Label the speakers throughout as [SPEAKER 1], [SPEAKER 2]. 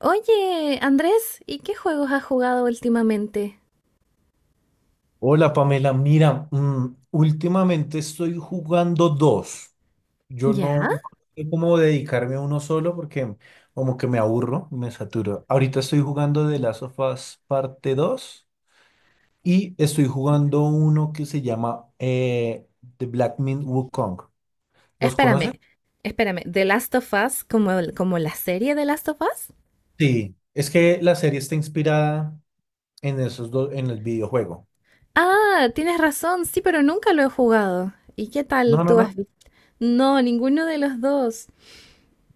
[SPEAKER 1] Oye, Andrés, ¿y qué juegos has jugado últimamente?
[SPEAKER 2] Hola Pamela, mira, últimamente estoy jugando dos. Yo
[SPEAKER 1] ¿Ya?
[SPEAKER 2] no, no sé cómo dedicarme a uno solo porque como que me aburro, me saturo. Ahorita estoy jugando The Last of Us parte 2 y estoy jugando uno que se llama The Black Myth Wukong. ¿Los conoces?
[SPEAKER 1] Espérame, espérame. ¿The Last of Us como, como la serie The Last of Us?
[SPEAKER 2] Sí, es que la serie está inspirada en esos dos, en el videojuego.
[SPEAKER 1] Ah, tienes razón, sí, pero nunca lo he jugado. ¿Y qué tal
[SPEAKER 2] No, no,
[SPEAKER 1] tú
[SPEAKER 2] no.
[SPEAKER 1] has visto? No, ninguno de los dos.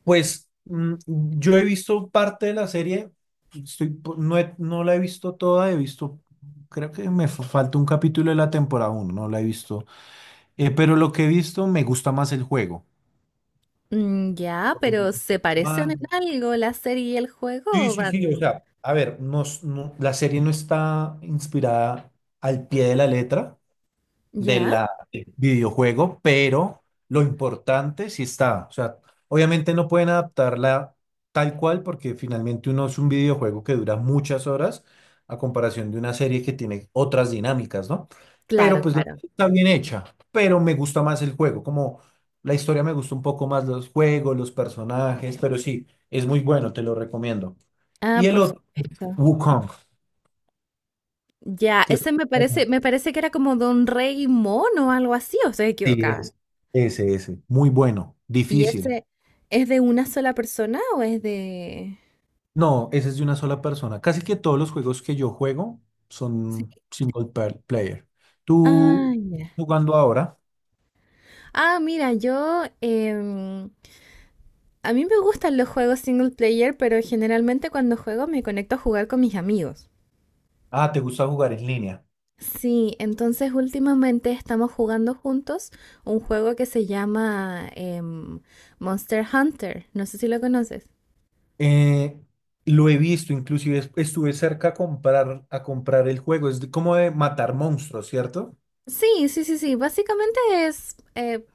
[SPEAKER 2] Pues yo he visto parte de la serie, estoy, po- no, he- no la he visto toda, creo que falta un capítulo de la temporada uno, no la he visto. Pero lo que he visto me gusta más el juego.
[SPEAKER 1] Mm, ya, pero ¿se parecen
[SPEAKER 2] Más-
[SPEAKER 1] en algo la serie y el juego?
[SPEAKER 2] Sí, sí, sí, o sea, a ver, la serie no está inspirada al pie de la letra, de
[SPEAKER 1] ¿Ya?
[SPEAKER 2] la del videojuego, pero lo importante sí está. O sea, obviamente no pueden adaptarla tal cual porque finalmente uno es un videojuego que dura muchas horas a comparación de una serie que tiene otras dinámicas, ¿no?
[SPEAKER 1] Claro,
[SPEAKER 2] Pero pues la
[SPEAKER 1] claro.
[SPEAKER 2] serie está bien hecha, pero me gusta más el juego, como la historia me gusta un poco más, los juegos, los personajes, pero sí, es muy bueno, te lo recomiendo.
[SPEAKER 1] Ah,
[SPEAKER 2] Y el
[SPEAKER 1] por
[SPEAKER 2] otro,
[SPEAKER 1] supuesto.
[SPEAKER 2] Wukong,
[SPEAKER 1] Ya,
[SPEAKER 2] que
[SPEAKER 1] ese
[SPEAKER 2] es...
[SPEAKER 1] me parece que era como de un rey mono o algo así, o estoy
[SPEAKER 2] Sí,
[SPEAKER 1] equivocada.
[SPEAKER 2] es ese, ese, muy bueno,
[SPEAKER 1] ¿Y
[SPEAKER 2] difícil.
[SPEAKER 1] ese es de una sola persona o es de...?
[SPEAKER 2] No, ese es de una sola persona. Casi que todos los juegos que yo juego
[SPEAKER 1] Sí.
[SPEAKER 2] son player.
[SPEAKER 1] Ah,
[SPEAKER 2] Tú
[SPEAKER 1] ya.
[SPEAKER 2] jugando ahora,
[SPEAKER 1] Ah, mira, a mí me gustan los juegos single player, pero generalmente cuando juego me conecto a jugar con mis amigos.
[SPEAKER 2] ah, te gusta jugar en línea.
[SPEAKER 1] Sí, entonces últimamente estamos jugando juntos un juego que se llama Monster Hunter. No sé si lo conoces.
[SPEAKER 2] Eh, lo he visto, inclusive estuve cerca a comprar el juego. Como de matar monstruos, ¿cierto?
[SPEAKER 1] Sí, sí, sí, sí. Básicamente es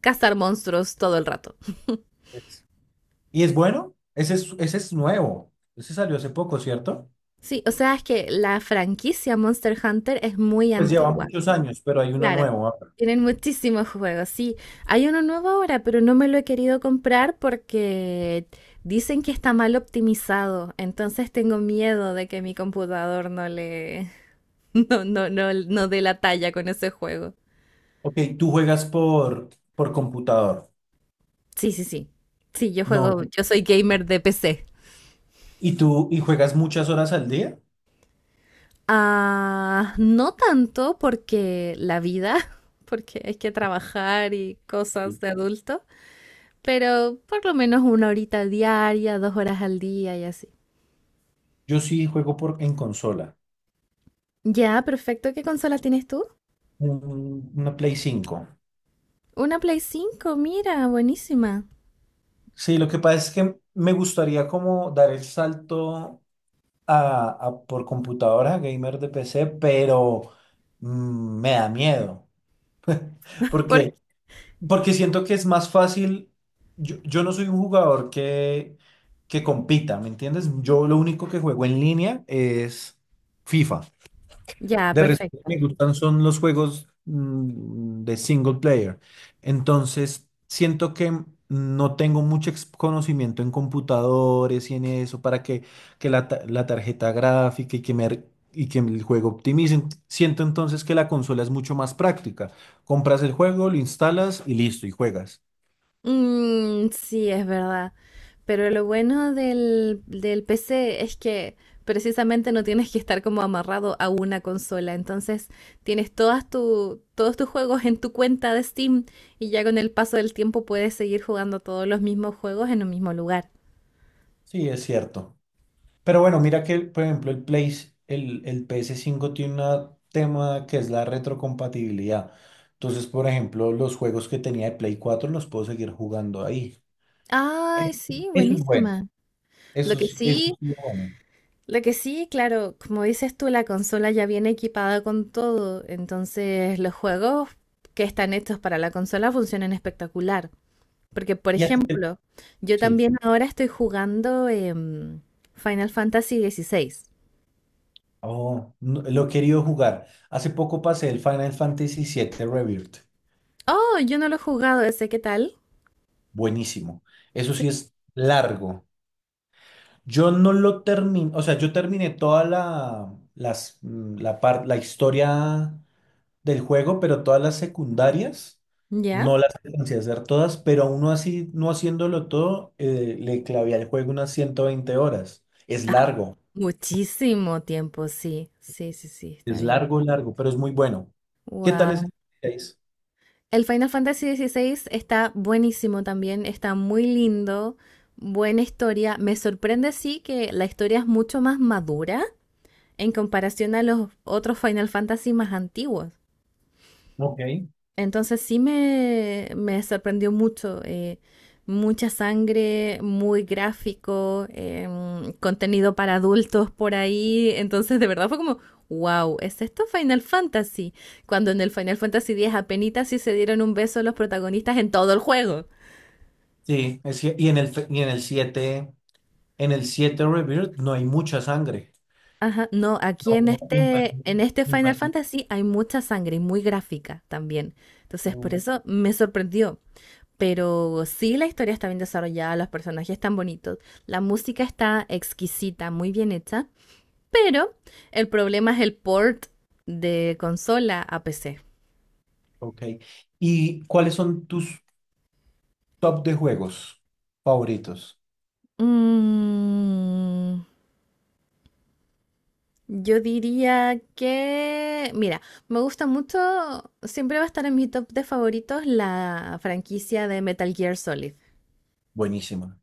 [SPEAKER 1] cazar monstruos todo el rato.
[SPEAKER 2] Es- Y es bueno, ese es nuevo. Ese salió hace poco, ¿cierto?
[SPEAKER 1] Sí, o sea, es que la franquicia Monster Hunter es muy
[SPEAKER 2] Pues lleva
[SPEAKER 1] antigua.
[SPEAKER 2] muchos años, pero hay uno
[SPEAKER 1] Claro,
[SPEAKER 2] nuevo ahora.
[SPEAKER 1] tienen muchísimos juegos. Sí, hay uno nuevo ahora, pero no me lo he querido comprar porque dicen que está mal optimizado. Entonces tengo miedo de que mi computador no le, no, no, no, no dé la talla con ese juego.
[SPEAKER 2] Ok, por computador.
[SPEAKER 1] Sí, sí, sí. Sí, yo
[SPEAKER 2] No,
[SPEAKER 1] juego, yo soy gamer de PC.
[SPEAKER 2] y tú juegas muchas horas al día.
[SPEAKER 1] Ah, no tanto porque la vida, porque hay que trabajar y cosas de adulto. Pero por lo menos una horita diaria, dos horas al día y así.
[SPEAKER 2] Yo sí juego por, en consola,
[SPEAKER 1] Ya, perfecto. ¿Qué consola tienes tú?
[SPEAKER 2] una Play 5.
[SPEAKER 1] Una Play 5, mira, buenísima.
[SPEAKER 2] Sí, lo que pasa es que me gustaría como dar el salto a por computadora, gamer de PC, pero me da miedo.
[SPEAKER 1] Por-
[SPEAKER 2] Porque, Porque siento que es más fácil. Yo no soy un jugador que compita, ¿me entiendes? Yo lo único que juego en línea es FIFA.
[SPEAKER 1] Ya,
[SPEAKER 2] De resto, lo que
[SPEAKER 1] perfecto.
[SPEAKER 2] me gustan son los juegos de single player. Entonces, siento que no tengo mucho conocimiento en computadores y en eso para que la tarjeta gráfica y que el juego optimicen. Siento entonces que la consola es mucho más práctica. Compras el juego, lo instalas y listo, y juegas.
[SPEAKER 1] Mm, sí, es verdad. Pero lo bueno del, del PC es que precisamente no tienes que estar como amarrado a una consola. Entonces tienes todas tu, todos tus juegos en tu cuenta de Steam y ya con el paso del tiempo puedes seguir jugando todos los mismos juegos en un mismo lugar.
[SPEAKER 2] Sí, es cierto. Pero bueno, mira que, por ejemplo, el ps cinco tiene un tema que es la retrocompatibilidad. Entonces, por ejemplo, los juegos que tenía de Play 4 los puedo seguir jugando ahí.
[SPEAKER 1] Ay,
[SPEAKER 2] Eh,
[SPEAKER 1] sí,
[SPEAKER 2] Eso es bueno.
[SPEAKER 1] buenísima. Lo que
[SPEAKER 2] Eso
[SPEAKER 1] sí,
[SPEAKER 2] sí es bueno.
[SPEAKER 1] lo que sí, claro, como dices tú, la consola ya viene equipada con todo, entonces los juegos que están hechos para la consola funcionan espectacular. Porque, por
[SPEAKER 2] Y a ti te-
[SPEAKER 1] ejemplo, yo
[SPEAKER 2] sí.
[SPEAKER 1] también ahora estoy jugando Final Fantasy dieciséis.
[SPEAKER 2] Oh, lo he querido jugar. Hace poco pasé el Final Fantasy siete Rebirth.
[SPEAKER 1] Oh, yo no lo he jugado ese, ¿qué tal?
[SPEAKER 2] Buenísimo. Eso
[SPEAKER 1] Sí.
[SPEAKER 2] sí es largo. Yo no lo terminé, o sea, yo terminé toda la, las, mm, la, par- la historia del juego, pero todas las secundarias
[SPEAKER 1] ¿Ya?
[SPEAKER 2] no las alcancé a hacer todas, pero aún no así, no haciéndolo todo, le clavé al juego unas 120 horas.
[SPEAKER 1] Muchísimo tiempo, sí. Sí, sí, sí, está
[SPEAKER 2] Es
[SPEAKER 1] bien.
[SPEAKER 2] largo, largo, pero es muy bueno. ¿Qué tal es el
[SPEAKER 1] Wow.
[SPEAKER 2] 6?
[SPEAKER 1] El Final Fantasy XVI está buenísimo también, está muy lindo, buena historia. Me sorprende sí que la historia es mucho más madura en comparación a los otros Final Fantasy más antiguos.
[SPEAKER 2] Ok.
[SPEAKER 1] Entonces sí me sorprendió mucho. Mucha sangre, muy gráfico, contenido para adultos por ahí. Entonces de verdad fue como, wow, ¿es esto Final Fantasy? Cuando en el Final Fantasy X apenitas sí se dieron un beso los protagonistas en todo el juego.
[SPEAKER 2] Sí, es que- y en el, fe- y en el siete, Rebirth no hay mucha sangre.
[SPEAKER 1] Ajá, no, aquí
[SPEAKER 2] No, y no hay-
[SPEAKER 1] en este
[SPEAKER 2] y no
[SPEAKER 1] Final
[SPEAKER 2] hay-
[SPEAKER 1] Fantasy hay mucha sangre y muy gráfica también. Entonces, por
[SPEAKER 2] no,
[SPEAKER 1] eso me sorprendió. Pero sí, la historia está bien desarrollada, los personajes están bonitos, la música está exquisita, muy bien hecha, pero el problema es el port de consola a PC.
[SPEAKER 2] ok. ¿Y cuáles son tus top de juegos favoritos?
[SPEAKER 1] Mm, yo diría que, mira, me gusta mucho, siempre va a estar en mi top de favoritos la franquicia de Metal Gear Solid.
[SPEAKER 2] Buenísima.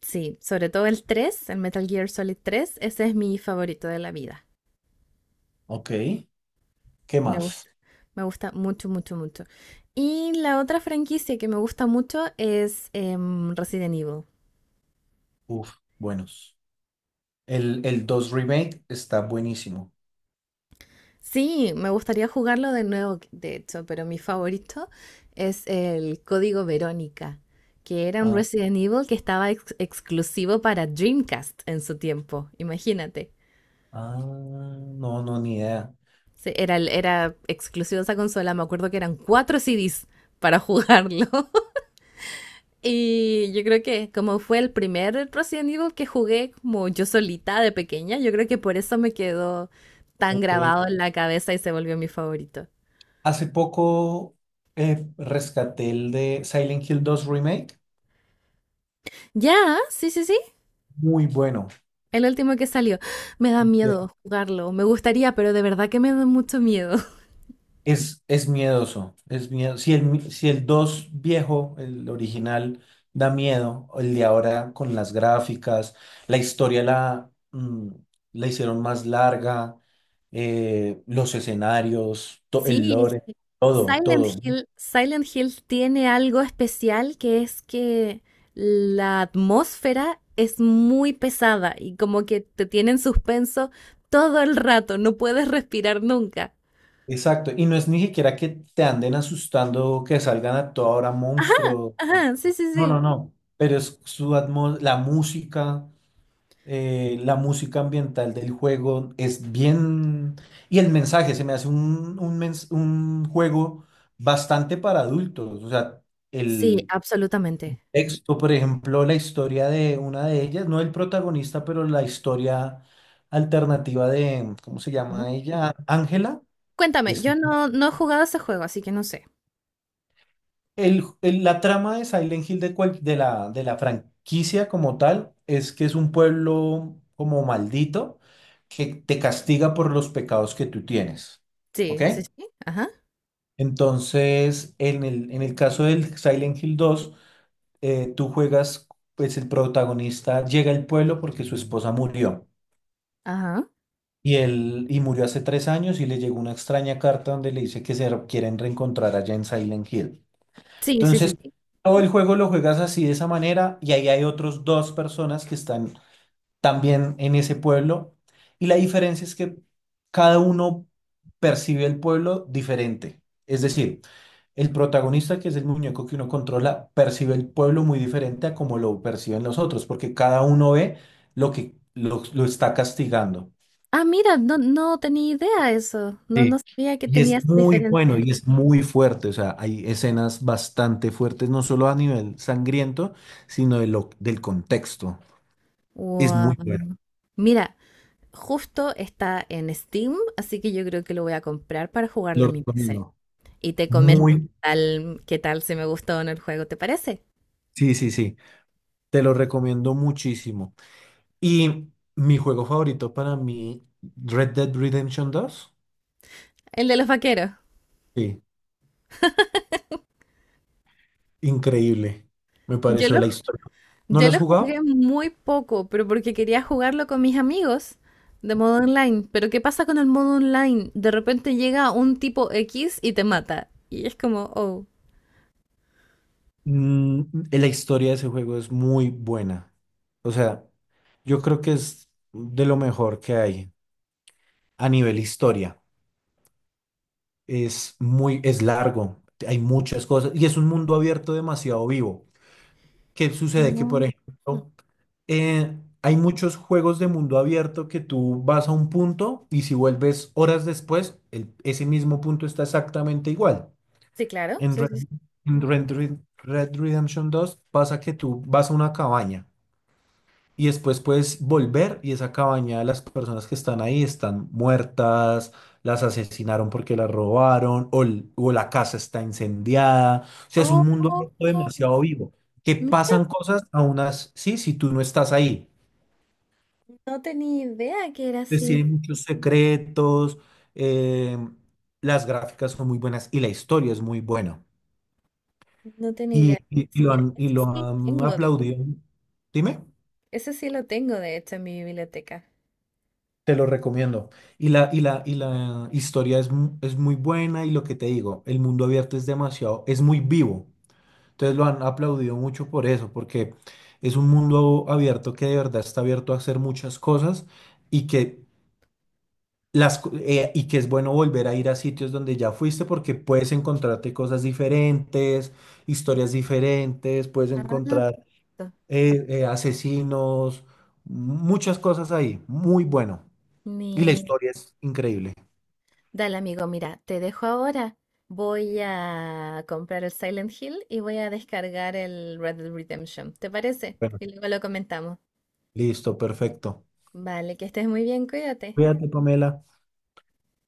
[SPEAKER 1] Sí, sobre todo el 3, el Metal Gear Solid tres, ese es mi favorito de la vida.
[SPEAKER 2] Ok. ¿Qué
[SPEAKER 1] Me
[SPEAKER 2] más?
[SPEAKER 1] gusta, me gusta mucho, mucho, mucho. Y la otra franquicia que me gusta mucho es Resident Evil.
[SPEAKER 2] Uf, buenos. El 2 Remake está buenísimo.
[SPEAKER 1] Sí, me gustaría jugarlo de nuevo, de hecho, pero mi favorito es el Código Verónica, que era un
[SPEAKER 2] Ah,
[SPEAKER 1] Resident Evil que estaba exclusivo para Dreamcast en su tiempo, imagínate.
[SPEAKER 2] ah, no, no, ni idea.
[SPEAKER 1] Sí, era, era exclusivo de esa consola, me acuerdo que eran cuatro CDs para jugarlo. Y yo creo que como fue el primer Resident Evil que jugué como yo solita de pequeña, yo creo que por eso me quedó tan
[SPEAKER 2] Ok.
[SPEAKER 1] grabado en la cabeza y se volvió mi favorito.
[SPEAKER 2] Hace poco rescaté el de Silent Hill dos Remake.
[SPEAKER 1] Ya, sí, sí, sí,
[SPEAKER 2] Muy bueno.
[SPEAKER 1] el último que salió. Me da miedo jugarlo, me gustaría, pero de verdad que me da mucho miedo.
[SPEAKER 2] Es miedoso, es miedo. Si el 2 viejo, el original, da miedo, el de ahora con las gráficas, la historia la, mm, la hicieron más larga, los escenarios, el
[SPEAKER 1] Sí, es
[SPEAKER 2] lore,
[SPEAKER 1] que
[SPEAKER 2] todo,
[SPEAKER 1] Silent
[SPEAKER 2] todo.
[SPEAKER 1] Hill, Silent Hill tiene algo especial que es que la atmósfera es muy pesada y como que te tiene en suspenso todo el rato, no puedes respirar nunca.
[SPEAKER 2] Exacto. Y no es ni siquiera que te anden asustando, que salgan a toda hora monstruos.
[SPEAKER 1] Ajá, sí, sí,
[SPEAKER 2] No, no,
[SPEAKER 1] sí.
[SPEAKER 2] no. Pero es la música. La música ambiental del juego es bien... Y el mensaje, se me hace un juego bastante para adultos. O sea,
[SPEAKER 1] Sí,
[SPEAKER 2] el
[SPEAKER 1] absolutamente.
[SPEAKER 2] texto, por ejemplo, la historia de una de ellas, no el protagonista, pero la historia alternativa de, ¿cómo se
[SPEAKER 1] Ujú.
[SPEAKER 2] llama ella? Ángela,
[SPEAKER 1] Cuéntame,
[SPEAKER 2] es
[SPEAKER 1] yo no, no he jugado ese juego, así que no sé.
[SPEAKER 2] La trama de Silent Hill de, de la franquicia como tal es que es un pueblo como maldito que te castiga por los pecados que tú tienes. ¿Ok?
[SPEAKER 1] Sí, sí, sí. Ajá,
[SPEAKER 2] Entonces, en el caso del Silent Hill dos, tú juegas, pues el protagonista llega al pueblo porque su esposa murió.
[SPEAKER 1] ajá.
[SPEAKER 2] Y murió hace 3 años y le llegó una extraña carta donde le dice que se quieren reencontrar allá en Silent Hill.
[SPEAKER 1] Sí, sí, sí,
[SPEAKER 2] Entonces,
[SPEAKER 1] sí.
[SPEAKER 2] todo el juego lo juegas así de esa manera y ahí hay otros dos personas que están también en ese pueblo y la diferencia es que cada uno percibe el pueblo diferente. Es decir, el protagonista, que es el muñeco que uno controla, percibe el pueblo muy diferente a como lo perciben los otros, porque cada uno ve lo que lo está castigando.
[SPEAKER 1] Ah, mira, no, no tenía idea eso. No, no
[SPEAKER 2] Sí,
[SPEAKER 1] sabía que
[SPEAKER 2] y
[SPEAKER 1] tenía
[SPEAKER 2] es
[SPEAKER 1] esa
[SPEAKER 2] muy bueno
[SPEAKER 1] diferencia.
[SPEAKER 2] y es muy fuerte, o sea, hay escenas bastante fuertes, no solo a nivel sangriento, sino del contexto. Es
[SPEAKER 1] Wow.
[SPEAKER 2] muy bueno,
[SPEAKER 1] Mira, justo está en Steam, así que yo creo que lo voy a comprar para jugarlo
[SPEAKER 2] lo
[SPEAKER 1] en mi PC.
[SPEAKER 2] recomiendo.
[SPEAKER 1] Y te comento
[SPEAKER 2] Muy,
[SPEAKER 1] qué tal si me gustó o no el juego, ¿te parece?
[SPEAKER 2] sí, sí, sí, te lo recomiendo muchísimo. Y mi juego favorito para mí, Red Dead Redemption dos.
[SPEAKER 1] El de los vaqueros.
[SPEAKER 2] Sí, increíble, me
[SPEAKER 1] Yo
[SPEAKER 2] pareció
[SPEAKER 1] lo,
[SPEAKER 2] la historia. ¿No lo
[SPEAKER 1] yo
[SPEAKER 2] has
[SPEAKER 1] lo
[SPEAKER 2] jugado?
[SPEAKER 1] jugué muy poco, pero porque quería jugarlo con mis amigos de modo online. Pero ¿qué pasa con el modo online? De repente llega un tipo X y te mata. Y es como, oh.
[SPEAKER 2] Mm, la historia de ese juego es muy buena. O sea, yo creo que es de lo mejor que hay a nivel historia. Es muy, es largo, hay muchas cosas y es un mundo abierto demasiado vivo. ¿Qué sucede? Que, por
[SPEAKER 1] Mm,
[SPEAKER 2] ejemplo, eh, hay muchos juegos de mundo abierto que tú vas a un punto y si vuelves horas después, ese mismo punto está exactamente igual.
[SPEAKER 1] sí, claro.
[SPEAKER 2] En
[SPEAKER 1] Sí,
[SPEAKER 2] Red,
[SPEAKER 1] sí, sí.
[SPEAKER 2] en Red Redemption 2 pasa que tú vas a una cabaña. Y después puedes volver y esa cabaña, de las personas que están ahí, están muertas, las asesinaron porque las robaron o, la casa está incendiada. O sea, es
[SPEAKER 1] Oh,
[SPEAKER 2] un mundo
[SPEAKER 1] oh, oh,
[SPEAKER 2] demasiado vivo, que
[SPEAKER 1] mira,
[SPEAKER 2] pasan cosas sí, si tú no estás ahí.
[SPEAKER 1] no tenía idea que era
[SPEAKER 2] Pues
[SPEAKER 1] así.
[SPEAKER 2] tiene muchos secretos, eh, las gráficas son muy buenas y la historia es muy buena.
[SPEAKER 1] No tenía
[SPEAKER 2] Y,
[SPEAKER 1] idea.
[SPEAKER 2] lo
[SPEAKER 1] Mira,
[SPEAKER 2] han, y
[SPEAKER 1] ese
[SPEAKER 2] lo
[SPEAKER 1] sí lo
[SPEAKER 2] han
[SPEAKER 1] tengo, de,
[SPEAKER 2] aplaudido. Dime.
[SPEAKER 1] ese sí lo tengo, de hecho, en mi biblioteca.
[SPEAKER 2] Te lo recomiendo. Y la historia es, es muy buena y lo que te digo, el mundo abierto es demasiado, es muy vivo. Entonces lo han aplaudido mucho por eso, porque es un mundo abierto que de verdad está abierto a hacer muchas cosas y que, y que es bueno volver a ir a sitios donde ya fuiste porque puedes encontrarte cosas diferentes, historias diferentes, puedes
[SPEAKER 1] Ah,
[SPEAKER 2] encontrar
[SPEAKER 1] to-
[SPEAKER 2] asesinos, muchas cosas ahí. Muy bueno. Y la
[SPEAKER 1] mi...
[SPEAKER 2] historia es increíble.
[SPEAKER 1] Dale, amigo, mira, te dejo ahora. Voy a comprar el Silent Hill y voy a descargar el Red Dead Redemption. ¿Te parece?
[SPEAKER 2] Bueno,
[SPEAKER 1] Y luego lo comentamos.
[SPEAKER 2] listo, perfecto.
[SPEAKER 1] Vale, que estés muy bien, cuídate.
[SPEAKER 2] Cuídate, Pamela.